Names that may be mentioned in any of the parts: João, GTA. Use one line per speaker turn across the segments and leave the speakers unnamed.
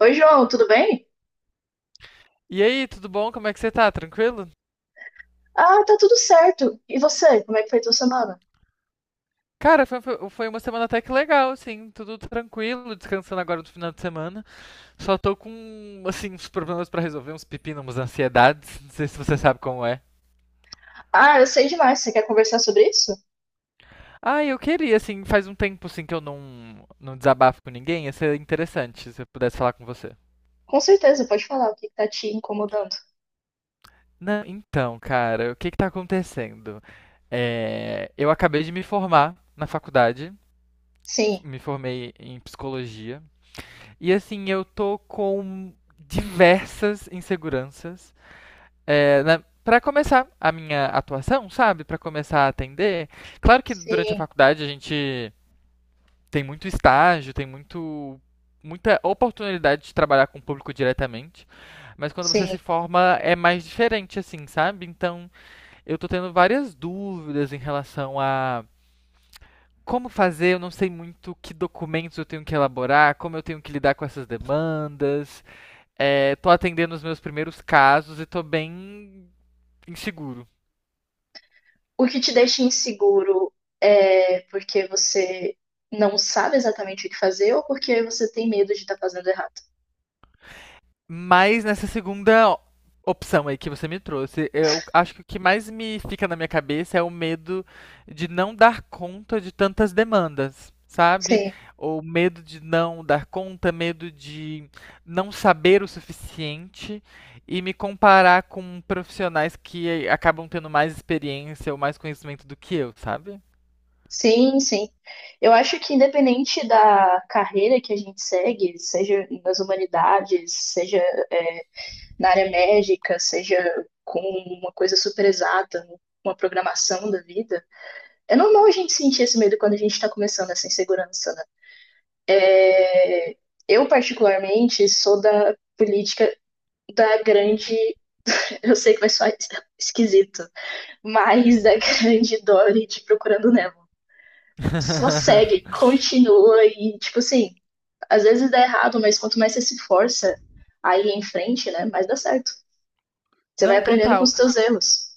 Oi, João, tudo bem?
E aí, tudo bom? Como é que você tá? Tranquilo?
Ah, tá tudo certo. E você, como é que foi a tua semana?
Cara, foi uma semana até que legal, assim, tudo tranquilo, descansando agora no final de semana. Só tô com, assim, uns problemas pra resolver, uns pepinos, umas ansiedades. Não sei se você sabe como é.
Ah, eu sei demais. Você quer conversar sobre isso?
Ah, eu queria, assim, faz um tempo, assim, que eu não desabafo com ninguém. Ia ser interessante se eu pudesse falar com você.
Com certeza, pode falar o que que tá te incomodando.
Não, então, cara, o que que tá acontecendo? É, eu acabei de me formar na faculdade,
Sim,
me formei em psicologia. E assim, eu tô com diversas inseguranças. É, pra começar a minha atuação, sabe? Pra começar a atender. Claro que durante a
sim,
faculdade a gente tem muito estágio, tem muito, muita oportunidade de trabalhar com o público diretamente. Mas quando você se
sim.
forma é mais diferente, assim, sabe? Então eu tô tendo várias dúvidas em relação a como fazer, eu não sei muito que documentos eu tenho que elaborar, como eu tenho que lidar com essas demandas. É, tô atendendo os meus primeiros casos e tô bem inseguro.
O que te deixa inseguro é porque você não sabe exatamente o que fazer ou porque você tem medo de estar fazendo errado?
Mas nessa segunda opção aí que você me trouxe, eu acho que o que mais me fica na minha cabeça é o medo de não dar conta de tantas demandas, sabe?
Sim,
Ou medo de não dar conta, medo de não saber o suficiente e me comparar com profissionais que acabam tendo mais experiência ou mais conhecimento do que eu, sabe?
sim, sim. Eu acho que independente da carreira que a gente segue, seja nas humanidades, seja é, na área médica, seja com uma coisa super exata, uma programação da vida, é normal a gente sentir esse medo quando a gente está começando essa insegurança, né? É, eu, particularmente, sou da política da grande. Eu sei que vai soar esquisito, mas da grande Dorothy procurando Nemo. Só segue, continua e, tipo assim, às vezes dá errado, mas quanto mais você se força a ir em frente, né, mais dá certo. Você vai
Não,
aprendendo com
total.
os teus erros.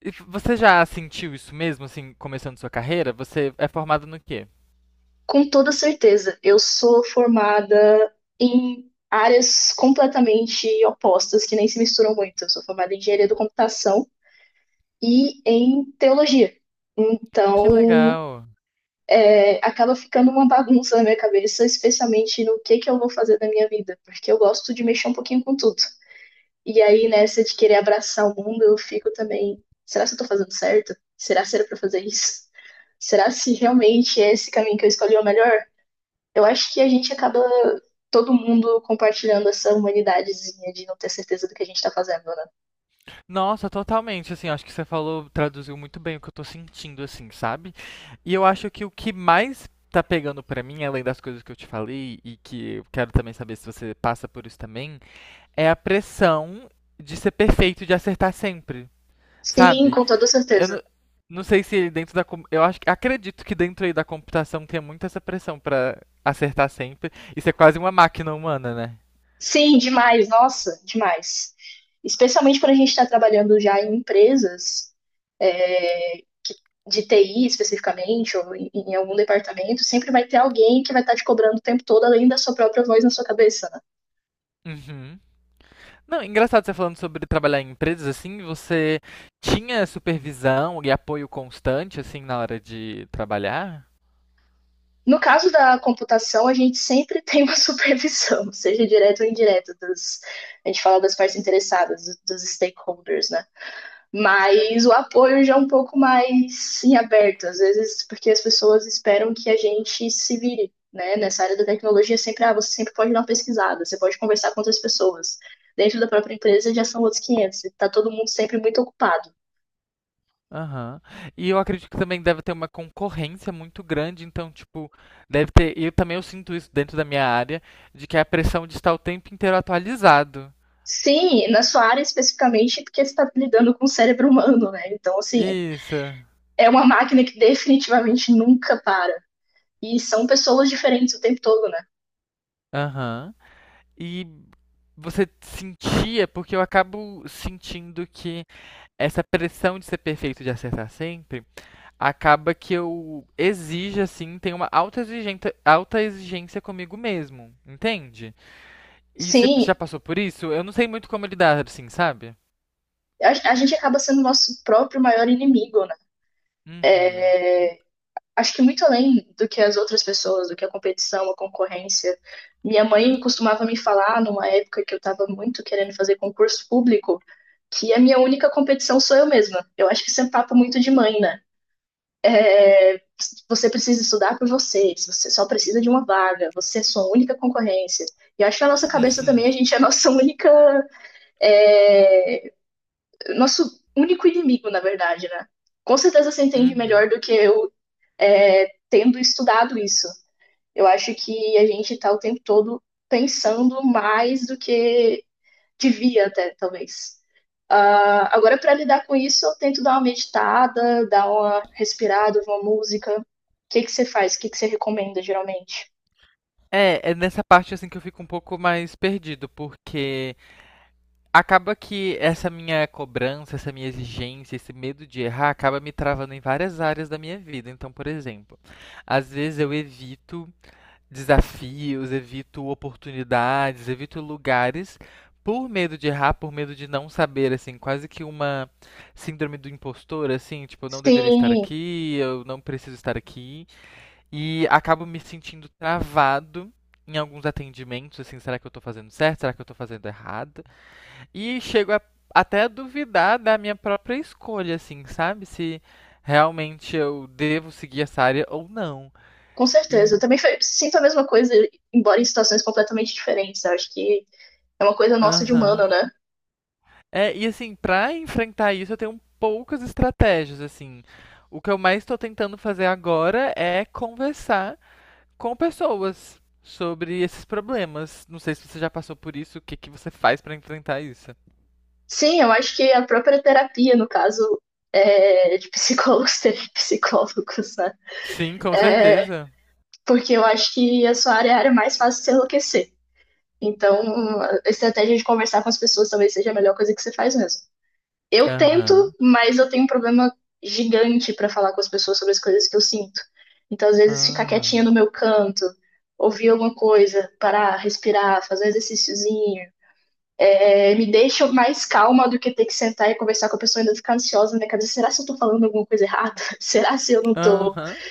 E você já sentiu isso mesmo, assim, começando sua carreira? Você é formado no quê?
Com toda certeza, eu sou formada em áreas completamente opostas, que nem se misturam muito. Eu sou formada em engenharia da computação e em teologia.
Que
Então,
legal.
é, acaba ficando uma bagunça na minha cabeça, especialmente no que eu vou fazer da minha vida, porque eu gosto de mexer um pouquinho com tudo. E aí, nessa de querer abraçar o mundo, eu fico também, será se eu tô fazendo certo? Será que era pra fazer isso? Será se realmente é esse caminho que eu escolhi é o melhor? Eu acho que a gente acaba todo mundo compartilhando essa humanidadezinha de não ter certeza do que a gente tá fazendo, né?
Nossa, totalmente, assim, acho que você falou, traduziu muito bem o que eu tô sentindo, assim, sabe? E eu acho que o que mais tá pegando pra mim, além das coisas que eu te falei, e que eu quero também saber se você passa por isso também, é a pressão de ser perfeito, e de acertar sempre.
Sim,
Sabe?
com toda
Eu
certeza.
não sei se ele dentro da. Com- Eu acho, que- acredito que dentro aí da computação tem muito essa pressão pra acertar sempre e ser quase uma máquina humana, né?
Sim, demais, nossa, demais. Especialmente quando a gente está trabalhando já em empresas, é, que- de TI especificamente, ou em algum departamento, sempre vai ter alguém que vai estar te cobrando o tempo todo, além da sua própria voz na sua cabeça, né?
Uhum. Não, engraçado você falando sobre trabalhar em empresas assim, você tinha supervisão e apoio constante assim na hora de trabalhar?
No caso da computação, a gente sempre tem uma supervisão, seja direta ou indireta, dos, a gente fala das partes interessadas, dos stakeholders, né? Mas o apoio já é um pouco mais em aberto, às vezes porque as pessoas esperam que a gente se vire, né? Nessa área da tecnologia, sempre, ah, você sempre pode dar uma pesquisada, você pode conversar com outras pessoas. Dentro da própria empresa já são outros 500. Está todo mundo sempre muito ocupado.
Aham. E eu acredito que também deve ter uma concorrência muito grande, então, tipo, deve ter. E eu também eu sinto isso dentro da minha área, de que é a pressão de estar o tempo inteiro atualizado.
Sim, na sua área especificamente, porque você está lidando com o cérebro humano, né? Então, assim,
Isso.
é uma máquina que definitivamente nunca para. E são pessoas diferentes o tempo todo, né?
Aham. E você sentia, porque eu acabo sentindo que essa pressão de ser perfeito, de acertar sempre, acaba que eu exijo, assim, tenho uma alta exigência comigo mesmo, entende? E você
Sim,
já passou por isso? Eu não sei muito como lidar, assim, sabe?
a gente acaba sendo nosso próprio maior inimigo, né?
Uhum.
Acho que muito além do que as outras pessoas, do que a competição, a concorrência. Minha mãe costumava me falar, numa época que eu estava muito querendo fazer concurso público, que a minha única competição sou eu mesma. Eu acho que isso é um papo muito de mãe, né? Você precisa estudar por você, você só precisa de uma vaga, você é sua única concorrência. E acho que na nossa cabeça
Uhum.
também a gente é a nossa única é nosso único inimigo, na verdade, né? Com certeza você entende melhor
Uhum.
do que eu é, tendo estudado isso. Eu acho que a gente está o tempo todo pensando mais do que devia até, talvez. Agora, para lidar com isso, eu tento dar uma meditada, dar uma respirada, uma música. O que que você faz? O que que você recomenda, geralmente?
É, nessa parte assim que eu fico um pouco mais perdido, porque acaba que essa minha cobrança, essa minha exigência, esse medo de errar, acaba me travando em várias áreas da minha vida. Então, por exemplo, às vezes eu evito desafios, evito oportunidades, evito lugares por medo de errar, por medo de não saber, assim, quase que uma síndrome do impostor, assim, tipo, eu não deveria estar
Sim,
aqui, eu não preciso estar aqui, e acabo me sentindo travado em alguns atendimentos, assim, será que eu tô fazendo certo? Será que eu tô fazendo errado? E chego até a duvidar da minha própria escolha, assim, sabe? Se realmente eu devo seguir essa área ou não.
com certeza.
E,
Eu também sinto a mesma coisa, embora em situações completamente diferentes. Eu acho que é uma coisa nossa de
aham.
humano, né?
É, e assim, pra enfrentar isso, eu tenho poucas estratégias, assim. O que eu mais tô tentando fazer agora é conversar com pessoas sobre esses problemas. Não sei se você já passou por isso, o que que você faz pra enfrentar isso?
Sim, eu acho que a própria terapia, no caso, é, de psicólogos terem psicólogos, né?
Sim, com
É,
certeza.
porque eu acho que a sua área é a área mais fácil de se enlouquecer. Então, a estratégia de conversar com as pessoas talvez seja a melhor coisa que você faz mesmo. Eu tento,
Aham.
mas eu tenho um problema gigante para falar com as pessoas sobre as coisas que eu sinto. Então, às vezes, ficar
Ah.
quietinha no meu canto, ouvir alguma coisa, parar, respirar, fazer um exercíciozinho, é, me deixa mais calma do que ter que sentar e conversar com a pessoa e ainda ficar ansiosa na minha. Será se eu tô falando alguma coisa errada? Será se eu não tô
Aham.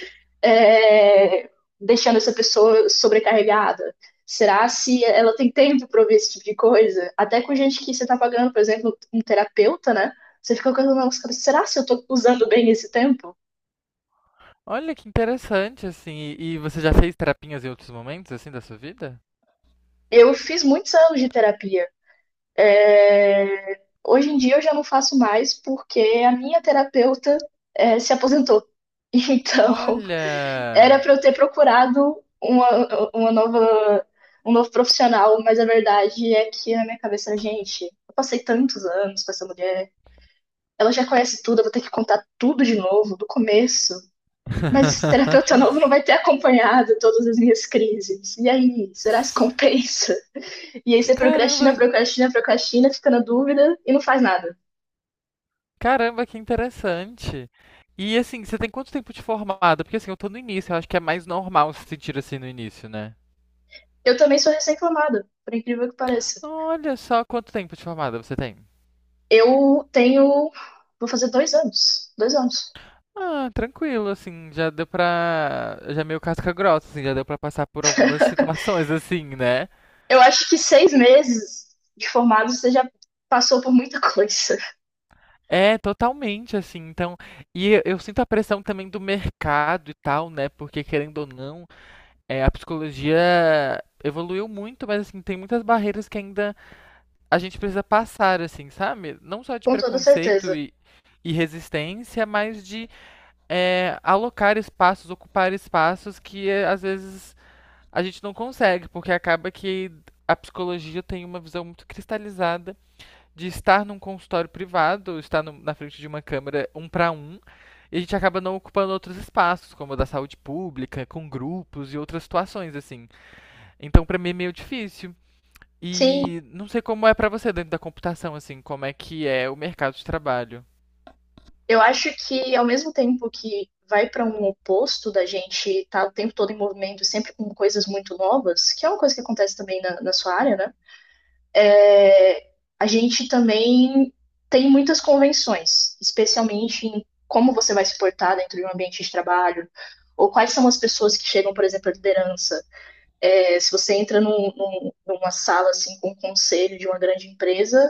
é, deixando essa pessoa sobrecarregada? Será se ela tem tempo para ouvir esse tipo de coisa? Até com gente que você tá pagando, por exemplo, um terapeuta, né? Você fica com a mão cabeça, será se eu tô usando bem esse tempo?
Olha que interessante, assim. E você já fez terapinhas em outros momentos, assim, da sua vida?
Eu fiz muitos anos de terapia. É, hoje em dia eu já não faço mais porque a minha terapeuta é, se aposentou. Então,
Olha!
era para eu ter procurado uma nova, um novo profissional, mas a verdade é que na minha cabeça, gente, eu passei tantos anos com essa mulher, ela já conhece tudo, eu vou ter que contar tudo de novo, do começo. Mas esse terapeuta novo não vai ter acompanhado todas as minhas crises. E aí, será que compensa? E aí você procrastina,
Caramba,
procrastina, procrastina, fica na dúvida e não faz nada.
caramba, que interessante. E assim, você tem quanto tempo de formada? Porque assim, eu tô no início, eu acho que é mais normal se sentir assim no início, né?
Eu também sou recém-formada, por incrível que pareça.
Olha só quanto tempo de formada você tem.
Eu tenho. Vou fazer 2 anos. 2 anos.
Ah, tranquilo, assim, já deu pra. Já é meio casca grossa, assim, já deu pra passar por algumas situações, assim, né?
Eu acho que 6 meses de formado você já passou por muita coisa,
É, totalmente, assim, então, e eu sinto a pressão também do mercado e tal, né, porque querendo ou não, a psicologia evoluiu muito, mas assim, tem muitas barreiras que ainda a gente precisa passar, assim, sabe? Não só de
com toda
preconceito
certeza.
e, resistência, mas de alocar espaços, ocupar espaços que às vezes a gente não consegue, porque acaba que a psicologia tem uma visão muito cristalizada de estar num consultório privado, estar na frente de uma câmera um para um, e a gente acaba não ocupando outros espaços, como o da saúde pública, com grupos e outras situações, assim. Então, pra mim é meio difícil.
Sim,
E não sei como é pra você dentro da computação, assim, como é que é o mercado de trabalho.
eu acho que ao mesmo tempo que vai para um oposto da gente estar o tempo todo em movimento, sempre com coisas muito novas, que é uma coisa que acontece também na, na sua área, né? É, a gente também tem muitas convenções, especialmente em como você vai se portar dentro de um ambiente de trabalho, ou quais são as pessoas que chegam, por exemplo, à liderança. É, se você entra numa sala assim com um conselho de uma grande empresa,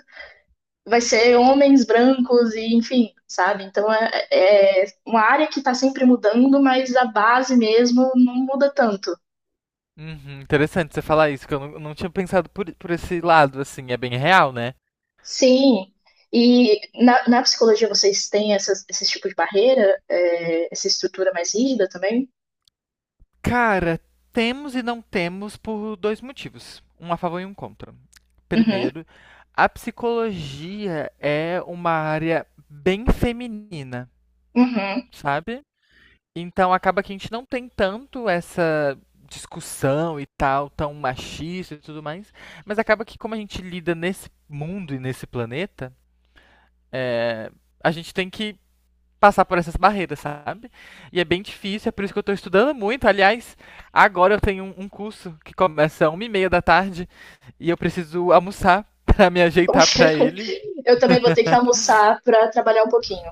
vai ser homens brancos e enfim, sabe? Então é, é uma área que está sempre mudando, mas a base mesmo não muda tanto.
Uhum, interessante você falar isso, que eu não tinha pensado por esse lado, assim, é bem real, né?
Sim. E na, na psicologia vocês têm essas, esses tipos de barreira, é, essa estrutura mais rígida também?
Cara, temos e não temos por dois motivos, um a favor e um contra.
Uhum,
Primeiro, a psicologia é uma área bem feminina,
uhum.
sabe? Então acaba que a gente não tem tanto essa discussão e tal, tão machista e tudo mais, mas acaba que como a gente lida nesse mundo e nesse planeta, é, a gente tem que passar por essas barreiras, sabe? E é bem difícil, é por isso que eu estou estudando muito. Aliás, agora eu tenho um curso que começa às 1h30 da tarde e eu preciso almoçar para me ajeitar
Poxa,
para ele.
eu também vou ter que almoçar para trabalhar um pouquinho.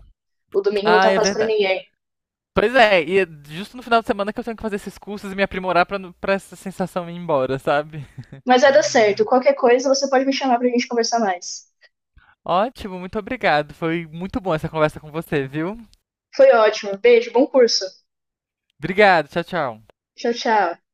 O domingo não
Ah,
tá
é
fácil para
verdade.
ninguém.
Pois é, e é justo no final de semana que eu tenho que fazer esses cursos e me aprimorar para pra essa sensação ir embora, sabe?
Mas vai dar certo. Qualquer coisa, você pode me chamar pra gente conversar mais.
Ótimo, muito obrigado. Foi muito bom essa conversa com você, viu?
Foi ótimo. Beijo, bom curso.
Obrigado, tchau, tchau.
Tchau, tchau.